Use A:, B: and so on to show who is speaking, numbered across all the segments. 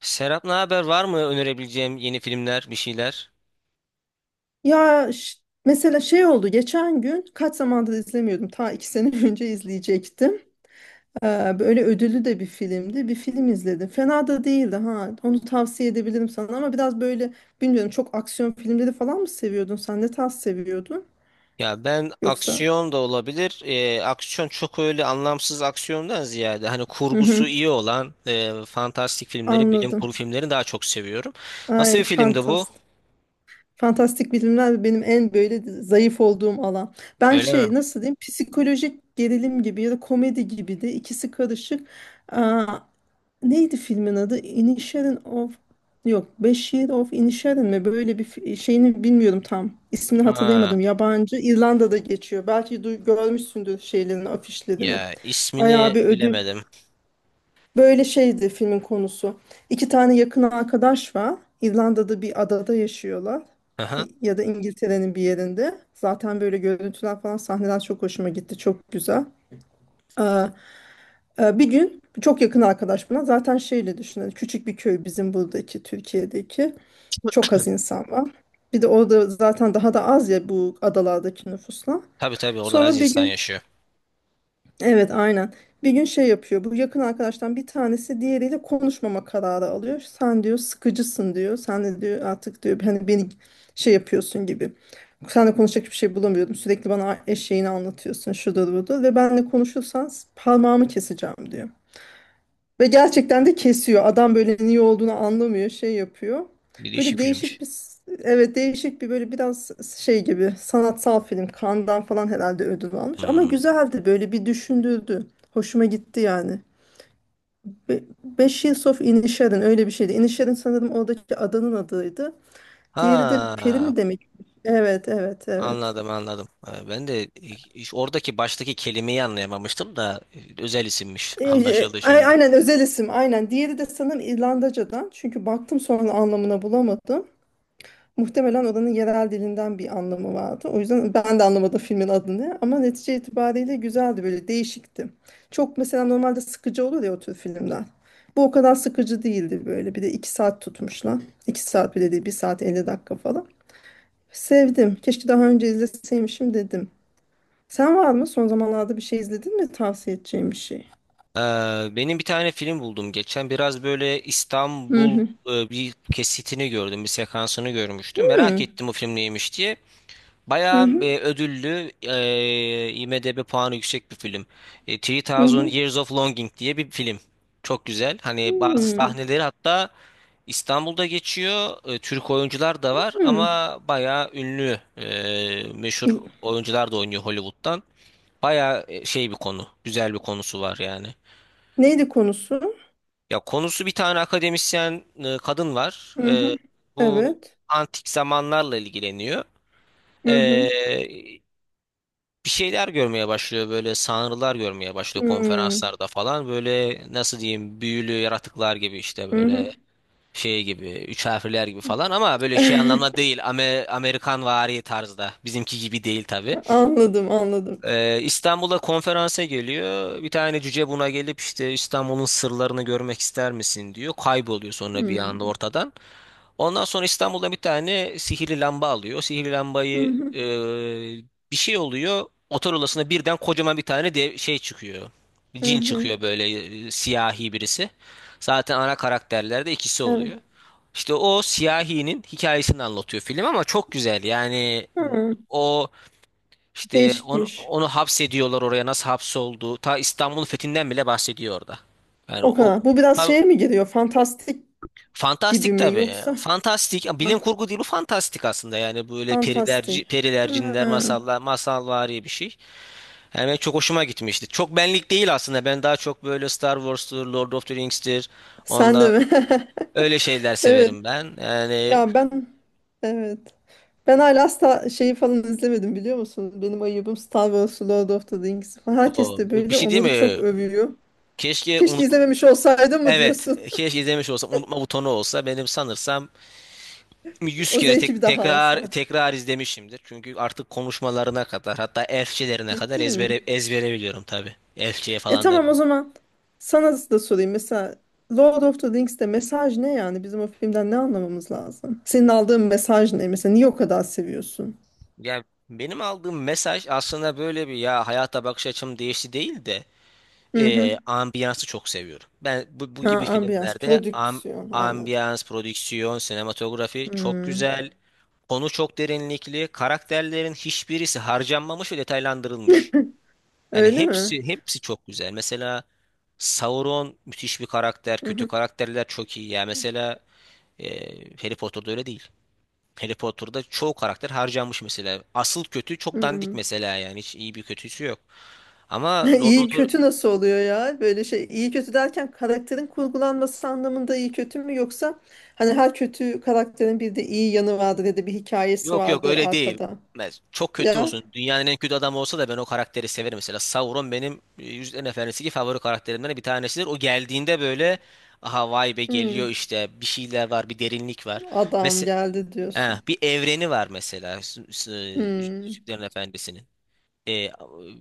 A: Serap, ne haber? Var mı önerebileceğim yeni filmler, bir şeyler?
B: Ya ş- mesela şey oldu geçen gün kaç zamandır izlemiyordum ta iki sene önce izleyecektim. Böyle ödüllü de bir filmdi, bir film izledim, fena da değildi, ha, onu tavsiye edebilirim sana ama biraz böyle bilmiyorum, çok aksiyon filmleri falan mı seviyordun, sen ne tarz seviyordun
A: Ya ben
B: yoksa?
A: aksiyon da olabilir. Aksiyon çok öyle anlamsız aksiyondan ziyade hani kurgusu
B: Hı-hı,
A: iyi olan fantastik filmleri, bilim
B: anladım.
A: kurgu filmlerini daha çok seviyorum.
B: Ay
A: Nasıl bir filmdi bu?
B: fantastik, fantastik bilimler benim en böyle zayıf olduğum alan. Ben
A: Öyle
B: şey,
A: mi?
B: nasıl diyeyim, psikolojik gerilim gibi ya da komedi gibi de, ikisi karışık. Neydi filmin adı? Inisherin of, yok, Beş Year of Inisherin mi? Böyle bir şeyini bilmiyorum tam. İsmini
A: Ha,
B: hatırlayamadım. Yabancı. İrlanda'da geçiyor. Belki duy, görmüşsündür şeylerini, afişlerini.
A: ya
B: Bayağı
A: ismini
B: bir ödül.
A: bilemedim.
B: Böyle şeydi filmin konusu. İki tane yakın arkadaş var. İrlanda'da bir adada yaşıyorlar.
A: Aha.
B: Ya da İngiltere'nin bir yerinde. Zaten böyle görüntüler falan, sahneler çok hoşuma gitti. Çok güzel. Bir gün çok yakın arkadaş, buna zaten şeyle düşünün, küçük bir köy, bizim buradaki Türkiye'deki, çok az insan var. Bir de orada zaten daha da az ya, bu adalardaki nüfusla.
A: Tabii tabii, orada az
B: Sonra bir
A: insan
B: gün,
A: yaşıyor.
B: evet, aynen, bir gün şey yapıyor, bu yakın arkadaştan bir tanesi diğeriyle konuşmama kararı alıyor. Sen diyor sıkıcısın diyor, sen de diyor artık diyor hani beni şey yapıyorsun gibi. Seninle konuşacak bir şey bulamıyordum. Sürekli bana eşeğini anlatıyorsun, şudur budur, ve benle konuşursan parmağımı keseceğim diyor. Ve gerçekten de kesiyor. Adam böyle niye olduğunu anlamıyor, şey yapıyor.
A: Bir değişik
B: Böyle değişik
A: filmmiş.
B: evet, değişik bir böyle biraz şey gibi sanatsal film. Cannes'dan falan herhalde ödül almış. Ama
A: Hmm.
B: güzeldi, böyle bir düşündürdü. Hoşuma gitti yani. Ve Beş Years of Inisherin öyle bir şeydi. Inisherin sanırım oradaki adanın adıydı. Diğeri de Peri
A: Ha.
B: mi demek? Evet, evet, evet.
A: Anladım anladım. Ben de oradaki baştaki kelimeyi anlayamamıştım da özel isimmiş. Anlaşıldı şimdi.
B: Aynen, özel isim, aynen. Diğeri de sanırım İrlandaca'dan. Çünkü baktım sonra, anlamına bulamadım. Muhtemelen oranın yerel dilinden bir anlamı vardı. O yüzden ben de anlamadım filmin adını ama netice itibariyle güzeldi, böyle değişikti. Çok mesela normalde sıkıcı olur ya o tür filmler. Bu o kadar sıkıcı değildi böyle. Bir de iki saat tutmuşlar. İki saat bile değil, bir saat 50 dakika falan. Sevdim. Keşke daha önce izleseymişim dedim. Sen var mı? Son zamanlarda bir şey izledin mi? Tavsiye edeceğim bir şey.
A: Ee, benim bir tane film buldum geçen. Biraz böyle
B: Hı
A: İstanbul,
B: hı.
A: bir kesitini gördüm, bir sekansını görmüştüm.
B: Hı
A: Merak
B: hı.
A: ettim o film neymiş diye.
B: Hı
A: Bayağı
B: hı.
A: ödüllü, IMDb puanı yüksek bir film. 3000 Years of Longing diye bir film. Çok güzel.
B: Hı
A: Hani bazı
B: hı.
A: sahneleri hatta İstanbul'da geçiyor. Türk oyuncular da var
B: Hı.
A: ama bayağı ünlü, meşhur
B: İyi.
A: oyuncular da oynuyor Hollywood'dan. Bayağı şey bir konu, güzel bir konusu var yani.
B: Neydi konusu?
A: Ya konusu, bir tane akademisyen kadın var.
B: Hı hı.
A: Bu
B: Evet.
A: antik zamanlarla ilgileniyor.
B: Hı hı.
A: E, bir şeyler görmeye başlıyor, böyle sanrılar görmeye başlıyor
B: Hmm.
A: konferanslarda falan, böyle nasıl diyeyim, büyülü yaratıklar gibi, işte
B: Hı hı.
A: böyle şey gibi, üç harfliler gibi falan, ama böyle şey anlamda değil, Amerikan vari tarzda, bizimki gibi değil tabii.
B: Anladım, anladım.
A: İstanbul'a konferansa geliyor, bir tane cüce buna gelip işte İstanbul'un sırlarını görmek ister misin diyor, kayboluyor sonra bir anda
B: Hmm.
A: ortadan. Ondan sonra İstanbul'da bir tane sihirli lamba alıyor. Sihirli
B: Hı
A: lambayı,
B: hı,
A: bir şey oluyor. Otel odasına birden kocaman bir tane de şey çıkıyor.
B: hı
A: Cin
B: hı.
A: çıkıyor böyle, siyahi birisi. Zaten ana karakterlerde ikisi
B: Evet.
A: oluyor. İşte o siyahinin hikayesini anlatıyor film, ama çok güzel. Yani
B: Hı.
A: o, işte onu,
B: Değişikmiş.
A: onu hapsediyorlar oraya, nasıl hapsoldu. Ta İstanbul'un fethinden bile bahsediyor orada. Yani
B: O
A: o
B: kadar. Bu biraz şeye mi giriyor? Fantastik gibi
A: fantastik
B: mi,
A: tabii.
B: yoksa?
A: Fantastik.
B: Ha,
A: Bilim kurgu değil bu, fantastik aslında. Yani böyle
B: fantastik.
A: perilerci, periler, cinler,
B: Hı.
A: masallar, masalvari bir şey. Yani benim çok hoşuma gitmişti. Çok benlik değil aslında. Ben daha çok böyle Star Wars'tur, Lord of the Rings'tir.
B: Sen de
A: Onda
B: mi?
A: öyle şeyler
B: Evet.
A: severim ben. Yani
B: Ya ben, evet. Ben hala asla şeyi falan izlemedim biliyor musun? Benim ayıbım Star Wars, Lord of the Rings falan. Herkes
A: o
B: de
A: bir
B: böyle
A: şey değil
B: onları çok
A: mi?
B: övüyor.
A: Keşke
B: Keşke
A: unut
B: izlememiş olsaydım mı
A: Evet,
B: diyorsun?
A: keşke izlemiş olsam, unutma butonu olsa benim sanırsam. 100
B: O
A: kere
B: zevki bir
A: tek,
B: daha
A: tekrar
B: alsam.
A: tekrar izlemişimdir. Çünkü artık konuşmalarına kadar, hatta elfçelerine kadar
B: Ciddi mi?
A: ezbere ezbere biliyorum tabii. Elfçeye
B: E
A: falan da.
B: tamam o zaman sana da sorayım. Mesela Lord of the Rings'te mesaj ne yani? Bizim o filmden ne anlamamız lazım? Senin aldığın mesaj ne? Mesela niye o kadar seviyorsun?
A: Ya benim aldığım mesaj aslında, böyle bir, ya hayata bakış açım değişti değil de
B: Hı hı.
A: ambiyansı çok seviyorum. Ben bu
B: Ha,
A: gibi
B: ambiyans,
A: filmlerde,
B: prodüksiyon, anladım.
A: ambiyans, prodüksiyon, sinematografi çok
B: Hmm.
A: güzel. Konu çok derinlikli. Karakterlerin hiçbirisi harcanmamış ve detaylandırılmış. Yani
B: Öyle mi?
A: hepsi hepsi çok güzel. Mesela Sauron müthiş bir karakter.
B: Hı
A: Kötü
B: hı.
A: karakterler çok iyi. Ya mesela, e, Harry Potter'da öyle değil. Harry Potter'da çoğu karakter harcanmış mesela. Asıl kötü çok dandik
B: Hmm.
A: mesela yani. Hiç iyi bir kötüsü yok. Ama Lord
B: İyi
A: of the-
B: kötü nasıl oluyor ya? Böyle şey, iyi kötü derken karakterin kurgulanması anlamında iyi kötü mü, yoksa hani her kötü karakterin bir de iyi yanı vardır ya da bir hikayesi
A: Yok yok,
B: vardır
A: öyle değil.
B: arkada.
A: Çok kötü
B: Ya.
A: olsun. Dünyanın en kötü adamı olsa da ben o karakteri severim. Mesela Sauron benim Yüzüklerin Efendisi'ndeki favori karakterimden bir tanesidir. O geldiğinde böyle, aha vay be
B: Hmm.
A: geliyor, işte bir şeyler var, bir derinlik var.
B: Adam
A: Mesela
B: geldi diyorsun.
A: Bir evreni var mesela,
B: Hmm.
A: Yüzüklerin Efendisi'nin. Eh,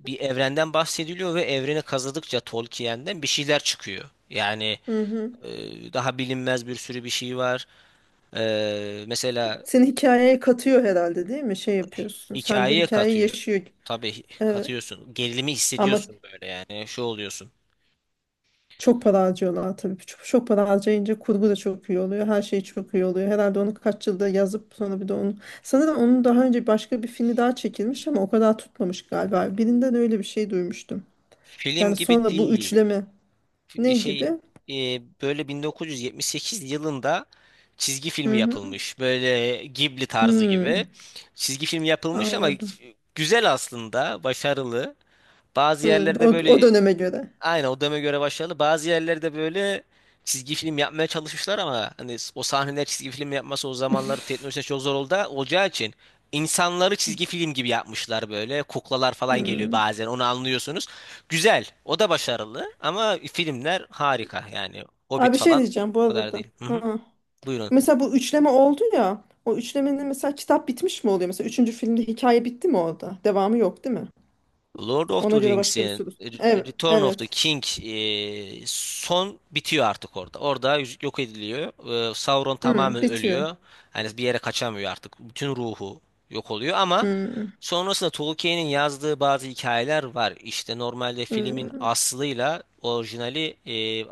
A: bir evrenden bahsediliyor ve evreni kazıdıkça Tolkien'den bir şeyler çıkıyor. Yani
B: Hı hı.
A: daha bilinmez bir sürü bir şey var. Mesela
B: Seni hikayeye katıyor herhalde değil mi? Şey yapıyorsun. Sen de
A: hikayeye
B: hikayeyi
A: katıyor.
B: yaşıyor.
A: Tabii
B: Evet.
A: katıyorsun. Gerilimi
B: Ama
A: hissediyorsun böyle yani. Şu oluyorsun.
B: çok para harcıyorlar tabii. Çok, çok para harcayınca kurgu da çok iyi oluyor. Her şey çok iyi oluyor. Herhalde onu kaç yılda yazıp sonra bir de onu. Sanırım onun daha önce başka bir filmi daha çekilmiş ama o kadar tutmamış galiba. Birinden öyle bir şey duymuştum.
A: Film
B: Yani
A: gibi
B: sonra bu
A: değil.
B: üçleme, ne gibi?
A: Şey, e, böyle 1978 yılında çizgi filmi
B: Hı hı.
A: yapılmış. Böyle Ghibli tarzı gibi.
B: Hmm.
A: Çizgi filmi yapılmış ama
B: Anladım.
A: güzel aslında, başarılı. Bazı
B: Hmm. O,
A: yerlerde
B: o
A: böyle.
B: döneme göre.
A: Aynen, o döneme göre başarılı. Bazı yerlerde böyle çizgi film yapmaya çalışmışlar ama hani o sahneler, çizgi film yapması o zamanlar teknolojisi çok zor oldu, olacağı için insanları çizgi film gibi yapmışlar böyle. Kuklalar falan geliyor
B: Hmm.
A: bazen, onu anlıyorsunuz. Güzel, o da başarılı, ama filmler harika yani,
B: Abi
A: Hobbit
B: bir şey
A: falan
B: diyeceğim bu
A: o kadar
B: arada.
A: değil. Hı hı.
B: Ha.
A: Buyurun.
B: Mesela bu üçleme oldu ya. O üçlemenin mesela kitap bitmiş mi oluyor? Mesela üçüncü filmde hikaye bitti mi orada? Devamı yok değil mi?
A: Lord of
B: Ona
A: the
B: göre başka bir
A: Rings'in
B: soru. Evet.
A: Return of the
B: Evet.
A: King, son bitiyor artık orada. Orada yüzük yok ediliyor. Sauron
B: Hmm,
A: tamamen
B: bitiyor.
A: ölüyor. Hani bir yere kaçamıyor artık. Bütün ruhu yok oluyor ama
B: Hmm,
A: sonrasında Tolkien'in yazdığı bazı hikayeler var. İşte normalde filmin
B: hmm.
A: aslıyla orijinali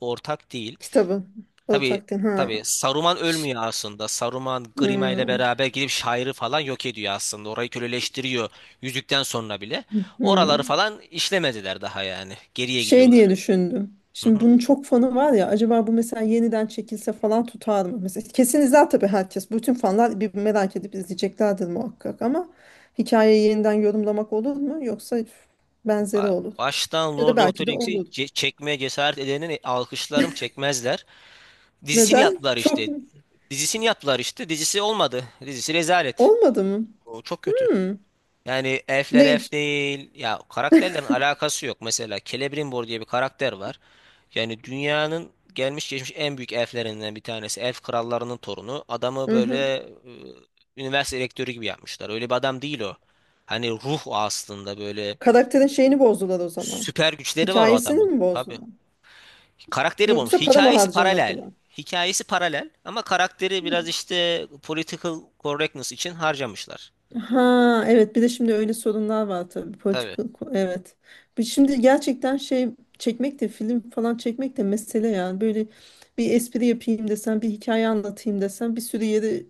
A: ortak değil.
B: Kitabı. Alı
A: Tabii
B: takdim. Ha.
A: tabii, Saruman
B: Ş-
A: ölmüyor aslında. Saruman Grima ile
B: Hmm.
A: beraber gidip şairi falan yok ediyor aslında. Orayı köleleştiriyor yüzükten sonra bile. Oraları
B: Hmm.
A: falan işlemediler daha yani. Geriye
B: Şey
A: gidiyorlar.
B: diye düşündüm.
A: Hı
B: Şimdi
A: hı.
B: bunun çok fanı var ya, acaba bu mesela yeniden çekilse falan tutar mı? Mesela kesin izler tabii herkes. Bütün fanlar bir merak edip izleyeceklerdir muhakkak ama hikayeyi yeniden yorumlamak olur mu? Yoksa benzeri olur.
A: Baştan
B: Ya da
A: Lord of the
B: belki de
A: Rings'i
B: olur.
A: çekmeye cesaret edenin alkışlarım, çekmezler. Dizisini
B: Neden?
A: yaptılar
B: Çok
A: işte.
B: mu?
A: Dizisini yaptılar işte. Dizisi olmadı. Dizisi rezalet.
B: Olmadı mı?
A: O çok kötü.
B: Hmm.
A: Yani elfler
B: Ne?
A: elf değil. Ya karakterlerin alakası yok. Mesela Celebrimbor diye bir karakter var. Yani dünyanın gelmiş geçmiş en büyük elflerinden bir tanesi. Elf krallarının torunu. Adamı böyle
B: Hı-hı.
A: üniversite rektörü gibi yapmışlar. Öyle bir adam değil o. Hani ruh o aslında, böyle
B: Karakterin şeyini bozdular o zaman.
A: süper güçleri var o
B: Hikayesini
A: adamın.
B: mi
A: Tabii.
B: bozdular?
A: Karakteri bulmuş.
B: Yoksa para mı
A: Hikayesi paralel.
B: harcamadılar?
A: Hikayesi paralel ama karakteri biraz işte political correctness için harcamışlar.
B: Ha evet, bir de şimdi öyle sorunlar var tabii, politik,
A: Tabii.
B: evet. Şimdi gerçekten şey, çekmek de, film falan çekmek de mesele yani, böyle bir espri yapayım desen, bir hikaye anlatayım desen, bir sürü yere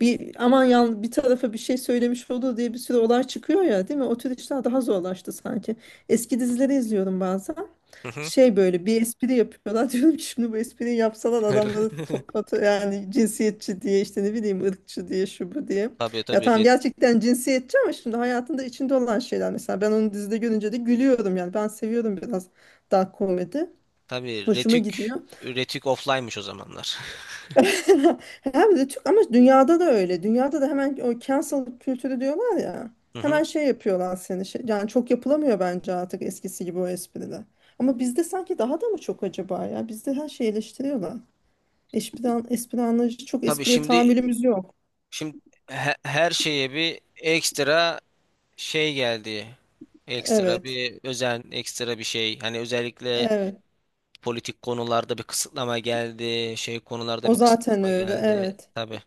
B: bir aman yan bir tarafa bir şey söylemiş olur diye bir sürü olay çıkıyor ya değil mi? O tür işler daha zorlaştı sanki. Eski dizileri izliyorum bazen.
A: Hı hı.
B: Şey, böyle bir espri yapıyorlar. Diyorum ki şimdi bu espriyi yapsalar adamları toplatı yani, cinsiyetçi diye, işte ne bileyim ırkçı diye, şu bu diye.
A: Tabii
B: Ya
A: tabii.
B: tamam, gerçekten cinsiyetçi ama şimdi hayatında içinde olan şeyler, mesela ben onu dizide görünce de gülüyorum yani, ben seviyorum biraz dark komedi.
A: Tabii
B: Hoşuma
A: Retük.
B: gidiyor.
A: Retük offline'mış o zamanlar.
B: Hem de Türk, ama dünyada da öyle. Dünyada da hemen o cancel kültürü diyorlar ya.
A: Hı hı.
B: Hemen şey yapıyorlar seni. Şey, yani çok yapılamıyor bence artık eskisi gibi o espriler. Ama bizde sanki daha da mı çok acaba ya? Bizde her şeyi eleştiriyorlar. Espri, espri anlayışı, çok
A: Tabii,
B: espriye
A: şimdi
B: tahammülümüz yok.
A: şimdi her şeye bir ekstra şey geldi. Ekstra
B: Evet.
A: bir özen, ekstra bir şey. Hani özellikle
B: Evet.
A: politik konularda bir kısıtlama geldi, şey konularda
B: O
A: bir
B: zaten
A: kısıtlama
B: öyle.
A: geldi.
B: Evet.
A: Tabii.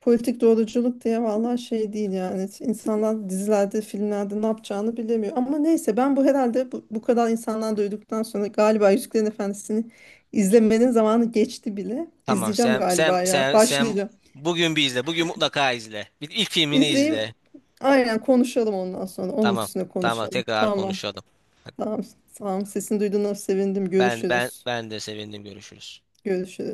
B: Politik doğruculuk diye, vallahi şey değil yani. İnsanlar dizilerde, filmlerde ne yapacağını bilemiyor. Ama neyse, ben bu herhalde bu kadar insandan duyduktan sonra galiba Yüzüklerin Efendisi'ni izlemenin zamanı geçti bile.
A: Tamam,
B: İzleyeceğim
A: sen sen
B: galiba ya.
A: sen sen
B: Başlayacağım.
A: bugün bir izle. Bugün mutlaka izle. Bir ilk filmini
B: İzleyeyim.
A: izle.
B: Aynen, konuşalım ondan sonra. Onun
A: Tamam.
B: üstüne
A: Tamam,
B: konuşalım.
A: tekrar
B: Tamam.
A: konuşalım.
B: Tamam. Tamam. Sesini duyduğuna sevindim.
A: Ben ben
B: Görüşürüz.
A: ben de sevindim, görüşürüz.
B: Görüşürüz.